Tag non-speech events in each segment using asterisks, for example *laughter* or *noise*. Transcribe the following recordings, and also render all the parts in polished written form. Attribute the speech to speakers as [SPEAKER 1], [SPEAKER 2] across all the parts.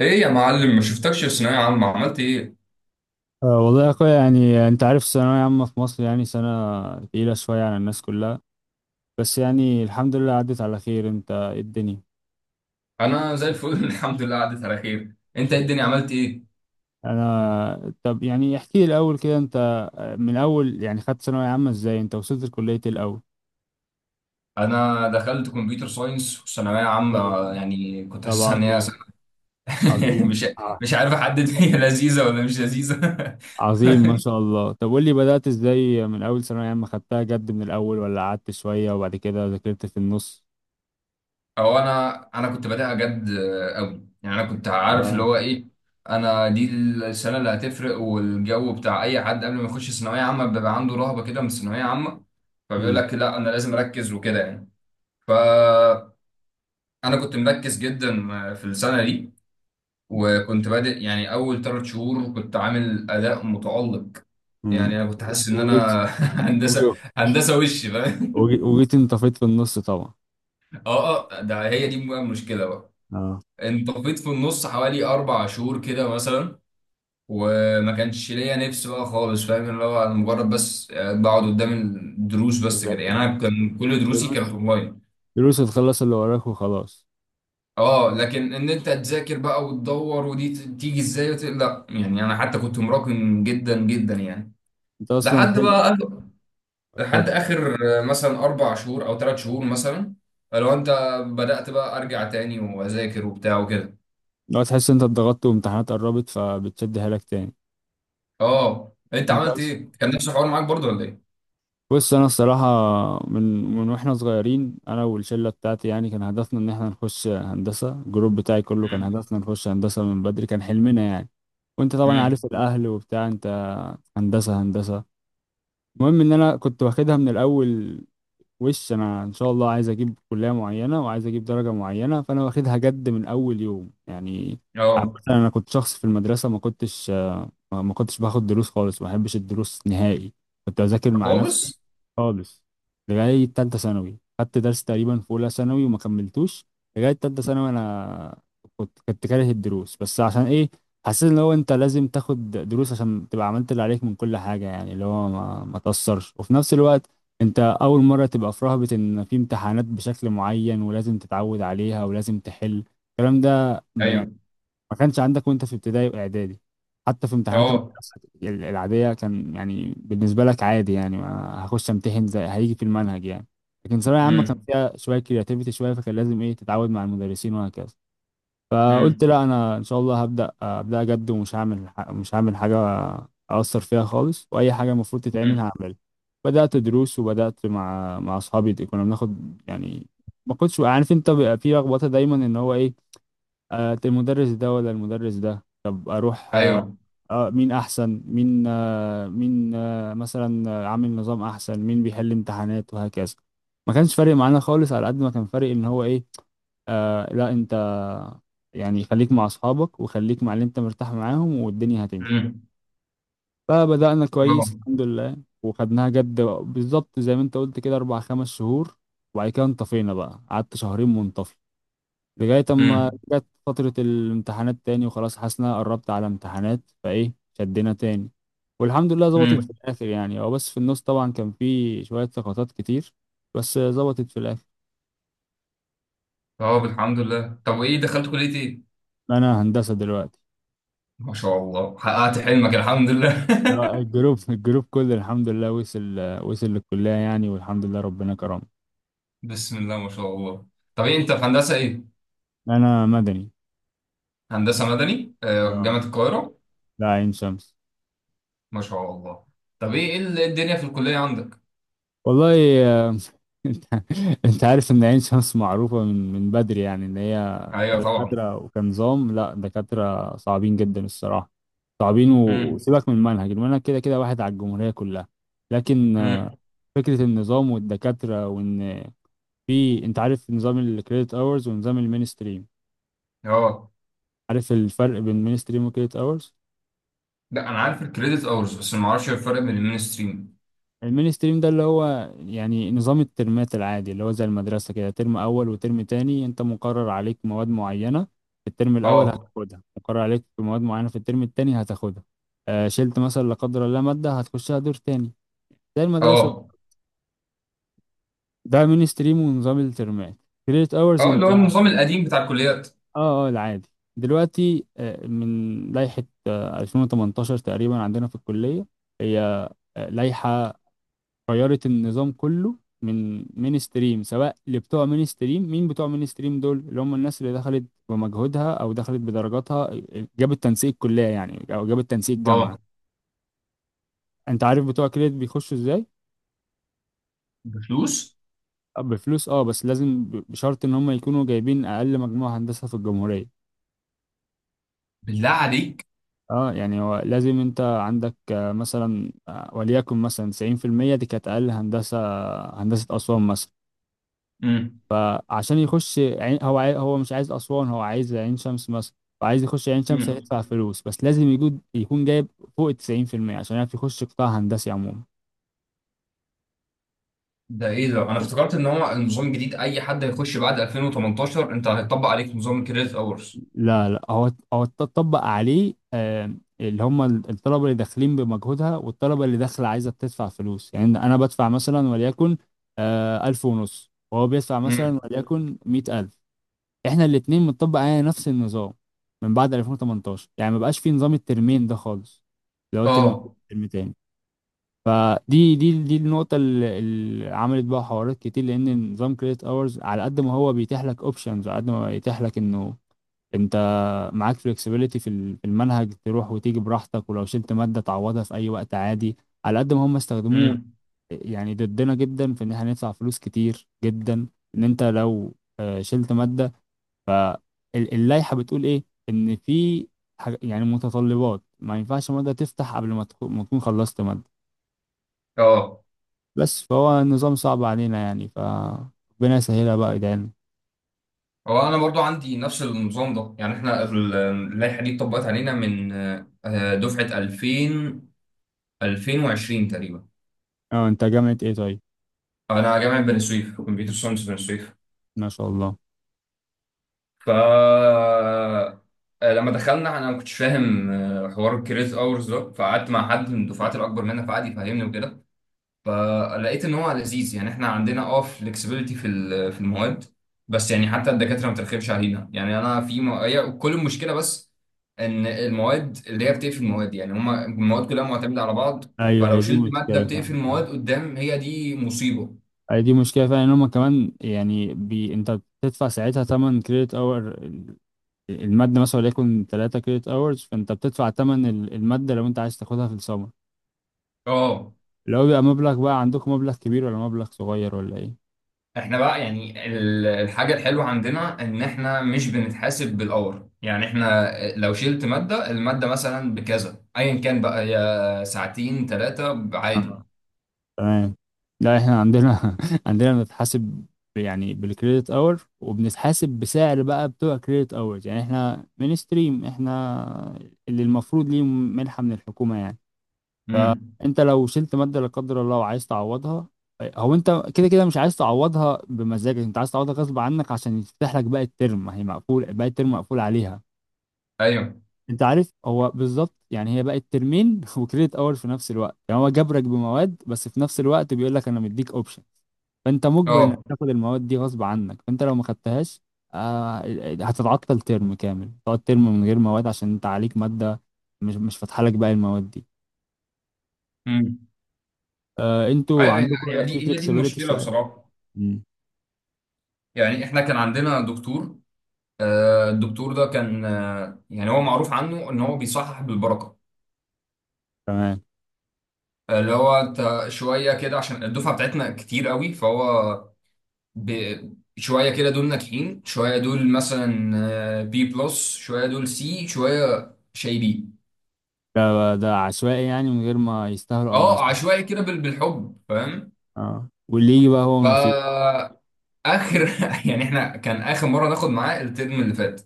[SPEAKER 1] ايه يا معلم ما شفتكش في ثانوية عامة عملت ايه؟
[SPEAKER 2] أه، والله يا اخويا، يعني انت عارف الثانوية عامة في مصر، يعني سنة تقيلة شوية على الناس كلها. بس يعني الحمد لله، عدت على خير. انت إيه الدنيا؟
[SPEAKER 1] انا زي الفل *laughs* الحمد لله عدت على خير، انت إيه الدنيا عملت ايه؟
[SPEAKER 2] انا، طب يعني احكي لي الاول كده. انت من اول، يعني خدت ثانوية عامة ازاي؟ انت وصلت لكلية إيه الاول؟
[SPEAKER 1] انا دخلت كمبيوتر ساينس وثانويه عامه.
[SPEAKER 2] طب،
[SPEAKER 1] يعني كنت
[SPEAKER 2] طب
[SPEAKER 1] حاسسها ان هي *laughs*
[SPEAKER 2] عظيم. عظيم
[SPEAKER 1] مش
[SPEAKER 2] ع-
[SPEAKER 1] مش عارف احدد، *laughs* هي لذيذه ولا مش لذيذه؟ *laughs*
[SPEAKER 2] عظيم ما شاء الله. طب قول لي بدأت ازاي؟ من اول ثانوية عامة خدتها جد من الاول، ولا قعدت شوية وبعد كده ذاكرت في النص؟
[SPEAKER 1] او انا كنت بادئها جد قوي، يعني انا كنت عارف اللي
[SPEAKER 2] اه.
[SPEAKER 1] هو ايه. انا دي السنه اللي هتفرق، والجو بتاع اي حد قبل ما يخش ثانويه عامه بيبقى عنده رهبه كده من الثانويه عامه، فبيقول
[SPEAKER 2] امم
[SPEAKER 1] لك لا انا لازم اركز وكده يعني. ف انا كنت مركز جدا في السنه دي، وكنت بادئ يعني اول ثلاث شهور كنت عامل اداء متالق. يعني انا كنت حاسس ان انا *laughs* هندسه
[SPEAKER 2] امم
[SPEAKER 1] هندسه وش فاهم.
[SPEAKER 2] وجيت انطفيت في النص طبعا.
[SPEAKER 1] *laughs* اه، اه، ده هي دي بقى المشكله بقى.
[SPEAKER 2] اه.
[SPEAKER 1] انطفيت في النص حوالي 4 شهور كده مثلا، وما كانش ليا نفس بقى خالص، فاهم اللي هو انا مجرد بس بقعد قدام الدروس
[SPEAKER 2] مش
[SPEAKER 1] بس كده
[SPEAKER 2] عارف-
[SPEAKER 1] يعني، انا كان كل دروسي كانت
[SPEAKER 2] دروس.
[SPEAKER 1] اونلاين.
[SPEAKER 2] دروس هتخلص اللي وراك وخلاص.
[SPEAKER 1] اه، لكن ان انت تذاكر بقى وتدور ودي تيجي ازاي لا، يعني انا حتى كنت مراكم جدا جدا يعني
[SPEAKER 2] انت اصلا
[SPEAKER 1] لحد
[SPEAKER 2] حل.
[SPEAKER 1] بقى آخر... لحد
[SPEAKER 2] اتفضل.
[SPEAKER 1] اخر. مثلا 4 شهور او 3 شهور مثلا، لو انت بدأت بقى ارجع تاني واذاكر وبتاع وكده.
[SPEAKER 2] لو تحس انت اتضغطت وامتحانات قربت فبتشدها لك تاني.
[SPEAKER 1] اه انت
[SPEAKER 2] انت
[SPEAKER 1] عملت
[SPEAKER 2] أص-
[SPEAKER 1] ايه؟ كان نفس الحوار معاك برضو ولا ايه؟
[SPEAKER 2] بص، انا الصراحه من من واحنا صغيرين، انا والشله بتاعتي، يعني كان هدفنا ان احنا نخش هندسه. الجروب بتاعي كله كان
[SPEAKER 1] مم.
[SPEAKER 2] هدفنا نخش هندسه من بدري، كان حلمنا يعني. وانت طبعا
[SPEAKER 1] مم.
[SPEAKER 2] عارف الاهل وبتاع. انت هندسه، هندسه. المهم ان انا كنت واخدها من الاول. وش انا ان شاء الله عايز اجيب كليه معينه، وعايز اجيب درجه معينه، فانا واخدها جد من اول يوم يعني. عامة،
[SPEAKER 1] اه.
[SPEAKER 2] انا كنت شخص في المدرسه ما كنتش ما كنتش باخد دروس خالص. ما بحبش الدروس نهائي. كنت بذاكر مع نفسي
[SPEAKER 1] خالص.
[SPEAKER 2] خالص. لغاية تالتة ثانوي. خدت درس تقريبا في أولى ثانوي وما كملتوش. لغاية تالتة ثانوي أنا كنت كاره الدروس، بس عشان إيه؟ حسيت إن هو أنت لازم تاخد دروس عشان تبقى عملت اللي عليك من كل حاجة. يعني اللي هو ما تأثرش، وفي نفس الوقت أنت أول مرة تبقى في رهبة إن في امتحانات بشكل معين، ولازم تتعود عليها، ولازم تحل الكلام ده.
[SPEAKER 1] ايوه.
[SPEAKER 2] ما كانش عندك وانت في ابتدائي واعدادي، حتى في امتحانات
[SPEAKER 1] اه.
[SPEAKER 2] المدرسه العاديه، كان يعني بالنسبه لك عادي. يعني ما هخش امتحن زي هيجي في المنهج يعني. لكن ثانويه عامه كان
[SPEAKER 1] مم.
[SPEAKER 2] فيها شويه كرياتيفيتي شويه، فكان لازم ايه، تتعود مع المدرسين وهكذا. فقلت
[SPEAKER 1] مم.
[SPEAKER 2] لا، انا ان شاء الله هبدا ابدا جد، ومش هعمل ح- مش هعمل حاجه اثر فيها خالص. واي حاجه المفروض تتعمل
[SPEAKER 1] مم.
[SPEAKER 2] هعملها. بدات دروس، وبدات مع اصحابي. كنا بناخد يعني. ما كنتش عارف، انت بيبقى في لخبطه دايما ان هو ايه. المدرس ده ولا المدرس ده؟ طب اروح،
[SPEAKER 1] ايوه.
[SPEAKER 2] مين احسن مين؟ مين مثلا عامل نظام احسن، مين بيحل امتحانات، وهكذا. ما كانش فارق معانا خالص، على قد ما كان فارق ان هو ايه. آه، لا انت، يعني خليك مع اصحابك، وخليك مع اللي انت مرتاح معاهم، والدنيا هتمشي.
[SPEAKER 1] مم.
[SPEAKER 2] فبدأنا كويس
[SPEAKER 1] اه.
[SPEAKER 2] الحمد لله. وخدناها جد بالظبط زي ما انت قلت كده، اربع خمس شهور. وبعد كده انطفينا بقى، قعدت شهرين منطفي، لغاية أما
[SPEAKER 1] مم.
[SPEAKER 2] جت فترة الامتحانات تاني وخلاص، حاسس إن أنا قربت على امتحانات فإيه، شدنا تاني. والحمد لله ظبطت في
[SPEAKER 1] مم.
[SPEAKER 2] الآخر. يعني هو بس في النص طبعا كان في شوية سقطات كتير، بس ظبطت في الآخر.
[SPEAKER 1] اه الحمد لله، طب وايه دخلت كلية ايه؟
[SPEAKER 2] أنا هندسة دلوقتي.
[SPEAKER 1] ما شاء الله حققت حلمك الحمد لله.
[SPEAKER 2] لا، الجروب كله الحمد لله وصل للكلية يعني، والحمد لله ربنا كرمه.
[SPEAKER 1] *laughs* بسم الله ما شاء الله. طب ايه انت في هندسة ايه؟
[SPEAKER 2] أنا مدني.
[SPEAKER 1] هندسة مدني،
[SPEAKER 2] آه.
[SPEAKER 1] جامعة القاهرة؟
[SPEAKER 2] لا، عين شمس.
[SPEAKER 1] ما شاء الله. طب ايه إيه إيه الدنيا في الكلية عندك؟
[SPEAKER 2] والله *laughs* آه، انت انت عارف ان عين شمس معروفة من بدري، يعني ان هي
[SPEAKER 1] ايوه طبعا.
[SPEAKER 2] دكاترة وكنظام. لا، دكاترة صعبين جدا الصراحة. صعبين، و-
[SPEAKER 1] امم.
[SPEAKER 2] وسيبك من المنهج كده كده واحد على الجمهورية كلها. لكن
[SPEAKER 1] امم.
[SPEAKER 2] فكرة النظام والدكاترة وإن في، أنت عارف نظام الكريدت أورز ونظام المين ستريم؟
[SPEAKER 1] اه.
[SPEAKER 2] عارف الفرق بين المين ستريم والكريدت أورز؟
[SPEAKER 1] لا انا عارف الكريدت اورز بس ما اعرفش الفرق بين المين ستريم.
[SPEAKER 2] المين ستريم ده اللي هو يعني نظام الترمات العادي، اللي هو زي المدرسة كده، ترم أول وترم تاني، أنت مقرر عليك مواد معينة في الترم الأول
[SPEAKER 1] اه.
[SPEAKER 2] هتاخدها، مقرر عليك في مواد معينة في الترم التاني هتاخدها. شلت مثلا لا قدر الله مادة، هتخشها دور تاني زي المدرسة.
[SPEAKER 1] اه.
[SPEAKER 2] ده مين ستريم ونظام الترمات. كريدت أورز
[SPEAKER 1] اه اللي
[SPEAKER 2] أنت
[SPEAKER 1] هو النظام القديم بتاع الكليات.
[SPEAKER 2] العادي. دلوقتي من لائحة 2018 تقريبا عندنا في الكلية، هي لائحة غيرت النظام كله من مين ستريم. سواء لبتوع مين ستريم، مين بتوع مين ستريم؟ دول اللي هم الناس اللي دخلت بمجهودها، او دخلت بدرجاتها، جابت تنسيق كلية يعني، او جابت تنسيق جامعة.
[SPEAKER 1] اه.
[SPEAKER 2] انت عارف بتوع كريدت بيخشوا ازاي؟
[SPEAKER 1] بفلوس.
[SPEAKER 2] بفلوس. اه بس لازم بشرط ان هم يكونوا جايبين اقل مجموع هندسة في الجمهورية.
[SPEAKER 1] بالله عليك.
[SPEAKER 2] اه يعني هو لازم انت عندك مثلا وليكن مثلا 90%. دي كانت اقل هندسة، هندسة اسوان مثلا.
[SPEAKER 1] امم.
[SPEAKER 2] فعشان يخش هو مش عايز أسوان، هو عايز عين شمس مثلا. فعايز يخش عين شمس هيدفع فلوس، بس لازم يجود يكون جايب فوق 90% عشان يعرف يخش قطاع هندسي عموما.
[SPEAKER 1] ده ايه ده، انا افتكرت ان هو النظام الجديد اي حد هيخش بعد 2018 انت هيطبق عليك نظام الكريدت اورز.
[SPEAKER 2] لا، لا، هو اتطبق عليه، اللي هم الطلبة اللي داخلين بمجهودها، والطلبة اللي داخلة عايزة بتدفع فلوس. يعني أنا بدفع مثلا وليكن 1500، وهو بيدفع
[SPEAKER 1] امم.
[SPEAKER 2] مثلا وليكن 100000. احنا الاتنين بنطبق علينا نفس النظام من بعد 2018. يعني ما بقاش في نظام الترمين ده خالص. لو الترم ترم
[SPEAKER 1] اه.
[SPEAKER 2] ترم تاني. فدي دي دي النقطة اللي عملت بقى حوارات كتير، لأن نظام كريدت اورز على قد ما هو بيتيح لك اوبشنز، على قد ما بيتيح لك إنه أنت معاك فلكسبيليتي في المنهج، تروح وتيجي براحتك، ولو شلت مادة تعوضها في أي وقت عادي، على قد ما هم استخدموه
[SPEAKER 1] امم.
[SPEAKER 2] يعني ضدنا جدا في إن احنا ندفع فلوس كتير جدا. إن أنت لو شلت مادة، اللائحة بتقول ايه؟ ان في، يعني متطلبات، ما ينفعش مادة تفتح قبل ما تكون خلصت مادة.
[SPEAKER 1] اه.
[SPEAKER 2] بس فهو النظام صعب علينا يعني، ف ربنا يسهلها بقى، ادعيلنا.
[SPEAKER 1] هو انا برضو عندي نفس النظام ده، يعني احنا اللائحه دي اتطبقت علينا من دفعه 2000 2020 تقريبا.
[SPEAKER 2] اه، انت جامعة ايه طيب؟
[SPEAKER 1] انا جامعه بني سويف كمبيوتر ساينس بني سويف.
[SPEAKER 2] ما شاء الله.
[SPEAKER 1] ف لما دخلنا انا ما كنتش فاهم حوار الكريدت اورز ده، فقعدت مع حد من الدفعات الاكبر مننا فقعد يفهمني وكده، فلقيت ان هو لذيذ. يعني احنا عندنا فلكسبيليتي في في المواد، بس يعني حتى الدكاتره ما بترخمش علينا. يعني انا في هي كل المشكله بس ان المواد اللي هي بتقفل المواد، يعني هما المواد كلها معتمده على بعض.
[SPEAKER 2] ايوه
[SPEAKER 1] فلو
[SPEAKER 2] هي دي
[SPEAKER 1] شلت ماده
[SPEAKER 2] مشكلة
[SPEAKER 1] بتقفل
[SPEAKER 2] فعلا، اه.
[SPEAKER 1] المواد قدام، هي دي مصيبه.
[SPEAKER 2] هي دي مشكلة فعلا، ان هما كمان يعني انت بتدفع ساعتها تمن كريدت اور المادة، مثلا وليكن 3 كريدت اورز. فانت بتدفع تمن المادة لو انت عايز تاخدها في السمر.
[SPEAKER 1] اه
[SPEAKER 2] لو بيبقى مبلغ بقى، عندكم مبلغ كبير ولا مبلغ صغير ولا ايه؟
[SPEAKER 1] احنا بقى يعني الحاجه الحلوه عندنا ان احنا مش بنتحاسب بالاور، يعني احنا لو شلت ماده الماده مثلا بكذا ايا كان بقى يا ساعتين ثلاثه عادي.
[SPEAKER 2] تمام. لا احنا عندنا *laughs* عندنا بنتحاسب يعني بالكريدت اور، وبنتحاسب بسعر بقى بتوع كريدت اور، يعني احنا من ستريم احنا اللي المفروض ليه منحة من الحكومة يعني.
[SPEAKER 1] امم.
[SPEAKER 2] انت لو شلت مادة لا قدر الله وعايز تعوضها، هو انت كده كده مش عايز تعوضها بمزاجك، انت عايز تعوضها غصب عنك عشان يفتح لك باقي الترم. ما هي مقفول باقي الترم مقفول عليها.
[SPEAKER 1] ايوه.
[SPEAKER 2] انت عارف هو بالظبط يعني، هي بقت ترمين *laughs* وكريدت اور في نفس الوقت. يعني هو جبرك بمواد، بس في نفس الوقت بيقول لك انا مديك اوبشن. فانت مجبر انك
[SPEAKER 1] اه.
[SPEAKER 2] تاخد المواد دي غصب عنك. فانت لو ما خدتهاش، آه، هتتعطل ترم كامل. تقعد ترم من غير مواد عشان انت عليك ماده مش فاتحه لك باقي المواد دي.
[SPEAKER 1] امم.
[SPEAKER 2] انتوا
[SPEAKER 1] ايوه
[SPEAKER 2] عندكم
[SPEAKER 1] هي
[SPEAKER 2] في
[SPEAKER 1] دي هي دي
[SPEAKER 2] فليكسبيليتي
[SPEAKER 1] المشكله
[SPEAKER 2] شويه.
[SPEAKER 1] بصراحه.
[SPEAKER 2] امم
[SPEAKER 1] يعني احنا كان عندنا دكتور، الدكتور ده كان، يعني هو معروف عنه ان هو بيصحح بالبركه.
[SPEAKER 2] تمام.
[SPEAKER 1] اللي هو انت شويه كده، عشان الدفعه بتاعتنا كتير قوي، فهو شويه كده دول ناجحين، شويه دول مثلا بي بلس، شويه دول سي، شويه شايبين.
[SPEAKER 2] ده عشوائي يعني من غير ما يستاهلوا او ما
[SPEAKER 1] اه
[SPEAKER 2] يستاهلوا.
[SPEAKER 1] عشوائي كده بالحب، فاهم.
[SPEAKER 2] اه، واللي يجي بقى هو نصيب.
[SPEAKER 1] فاخر. *laughs* يعني احنا كان اخر مره ناخد معاه الترم اللي فات،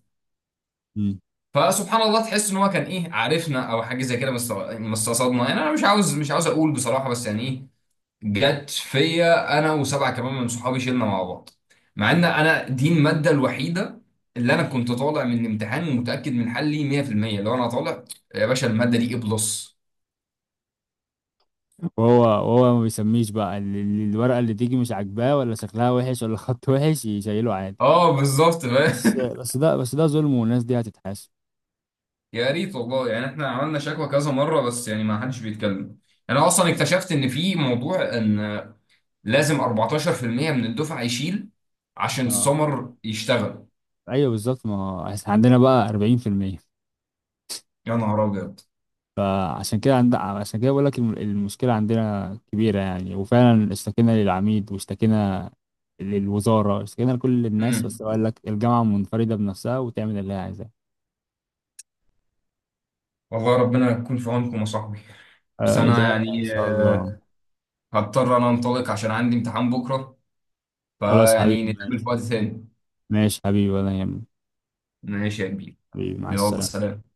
[SPEAKER 1] فسبحان الله تحس ان هو كان ايه عارفنا او حاجه زي كده، بس مستصدنا، يعني انا مش عاوز اقول بصراحه، بس يعني ايه، جت فيا انا وسبعه كمان من صحابي شلنا مع بعض، مع ان انا دي الماده الوحيده اللي انا كنت طالع من الامتحان ومتاكد من حلي 100%. لو انا طالع يا باشا الماده دي ايه بلس.
[SPEAKER 2] وهو ما بيسميش بقى الورقة اللي تيجي مش عاجباه، ولا شكلها وحش، ولا خط وحش، يشيله عادي.
[SPEAKER 1] اه بالظبط،
[SPEAKER 2] بس
[SPEAKER 1] فاهم.
[SPEAKER 2] بس ده ظلم، والناس دي هتتحاسب.
[SPEAKER 1] *laughs* يا ريت والله، يعني احنا عملنا شكوى كذا مره بس يعني ما حدش بيتكلم. انا اصلا اكتشفت ان في موضوع ان لازم 14% من الدفعه يشيل عشان
[SPEAKER 2] اه،
[SPEAKER 1] السمر يشتغل.
[SPEAKER 2] ايوه بالظبط. ما هو إحنا عندنا بقى 40%.
[SPEAKER 1] يا نهار ابيض.
[SPEAKER 2] فعشان كده عشان كده بقول لك المشكلة عندنا كبيرة يعني. وفعلا اشتكينا للعميد، واشتكينا للوزارة، اشتكينا لكل الناس،
[SPEAKER 1] مم.
[SPEAKER 2] بس قال لك الجامعة منفردة بنفسها وتعمل اللي هي عايزاه.
[SPEAKER 1] والله ربنا يكون في عونكم يا صاحبي. بس انا
[SPEAKER 2] زعلنا ان
[SPEAKER 1] يعني
[SPEAKER 2] شاء الله.
[SPEAKER 1] هضطر انا انطلق عشان عندي امتحان بكره،
[SPEAKER 2] خلاص حبيبي
[SPEAKER 1] فيعني نتقابل في
[SPEAKER 2] ماشي.
[SPEAKER 1] وقت ثاني.
[SPEAKER 2] ماشي حبيبي ولا يهمك.
[SPEAKER 1] ماشي يا كبير.
[SPEAKER 2] حبيبي مع
[SPEAKER 1] يلا
[SPEAKER 2] السلامة.
[SPEAKER 1] سلام.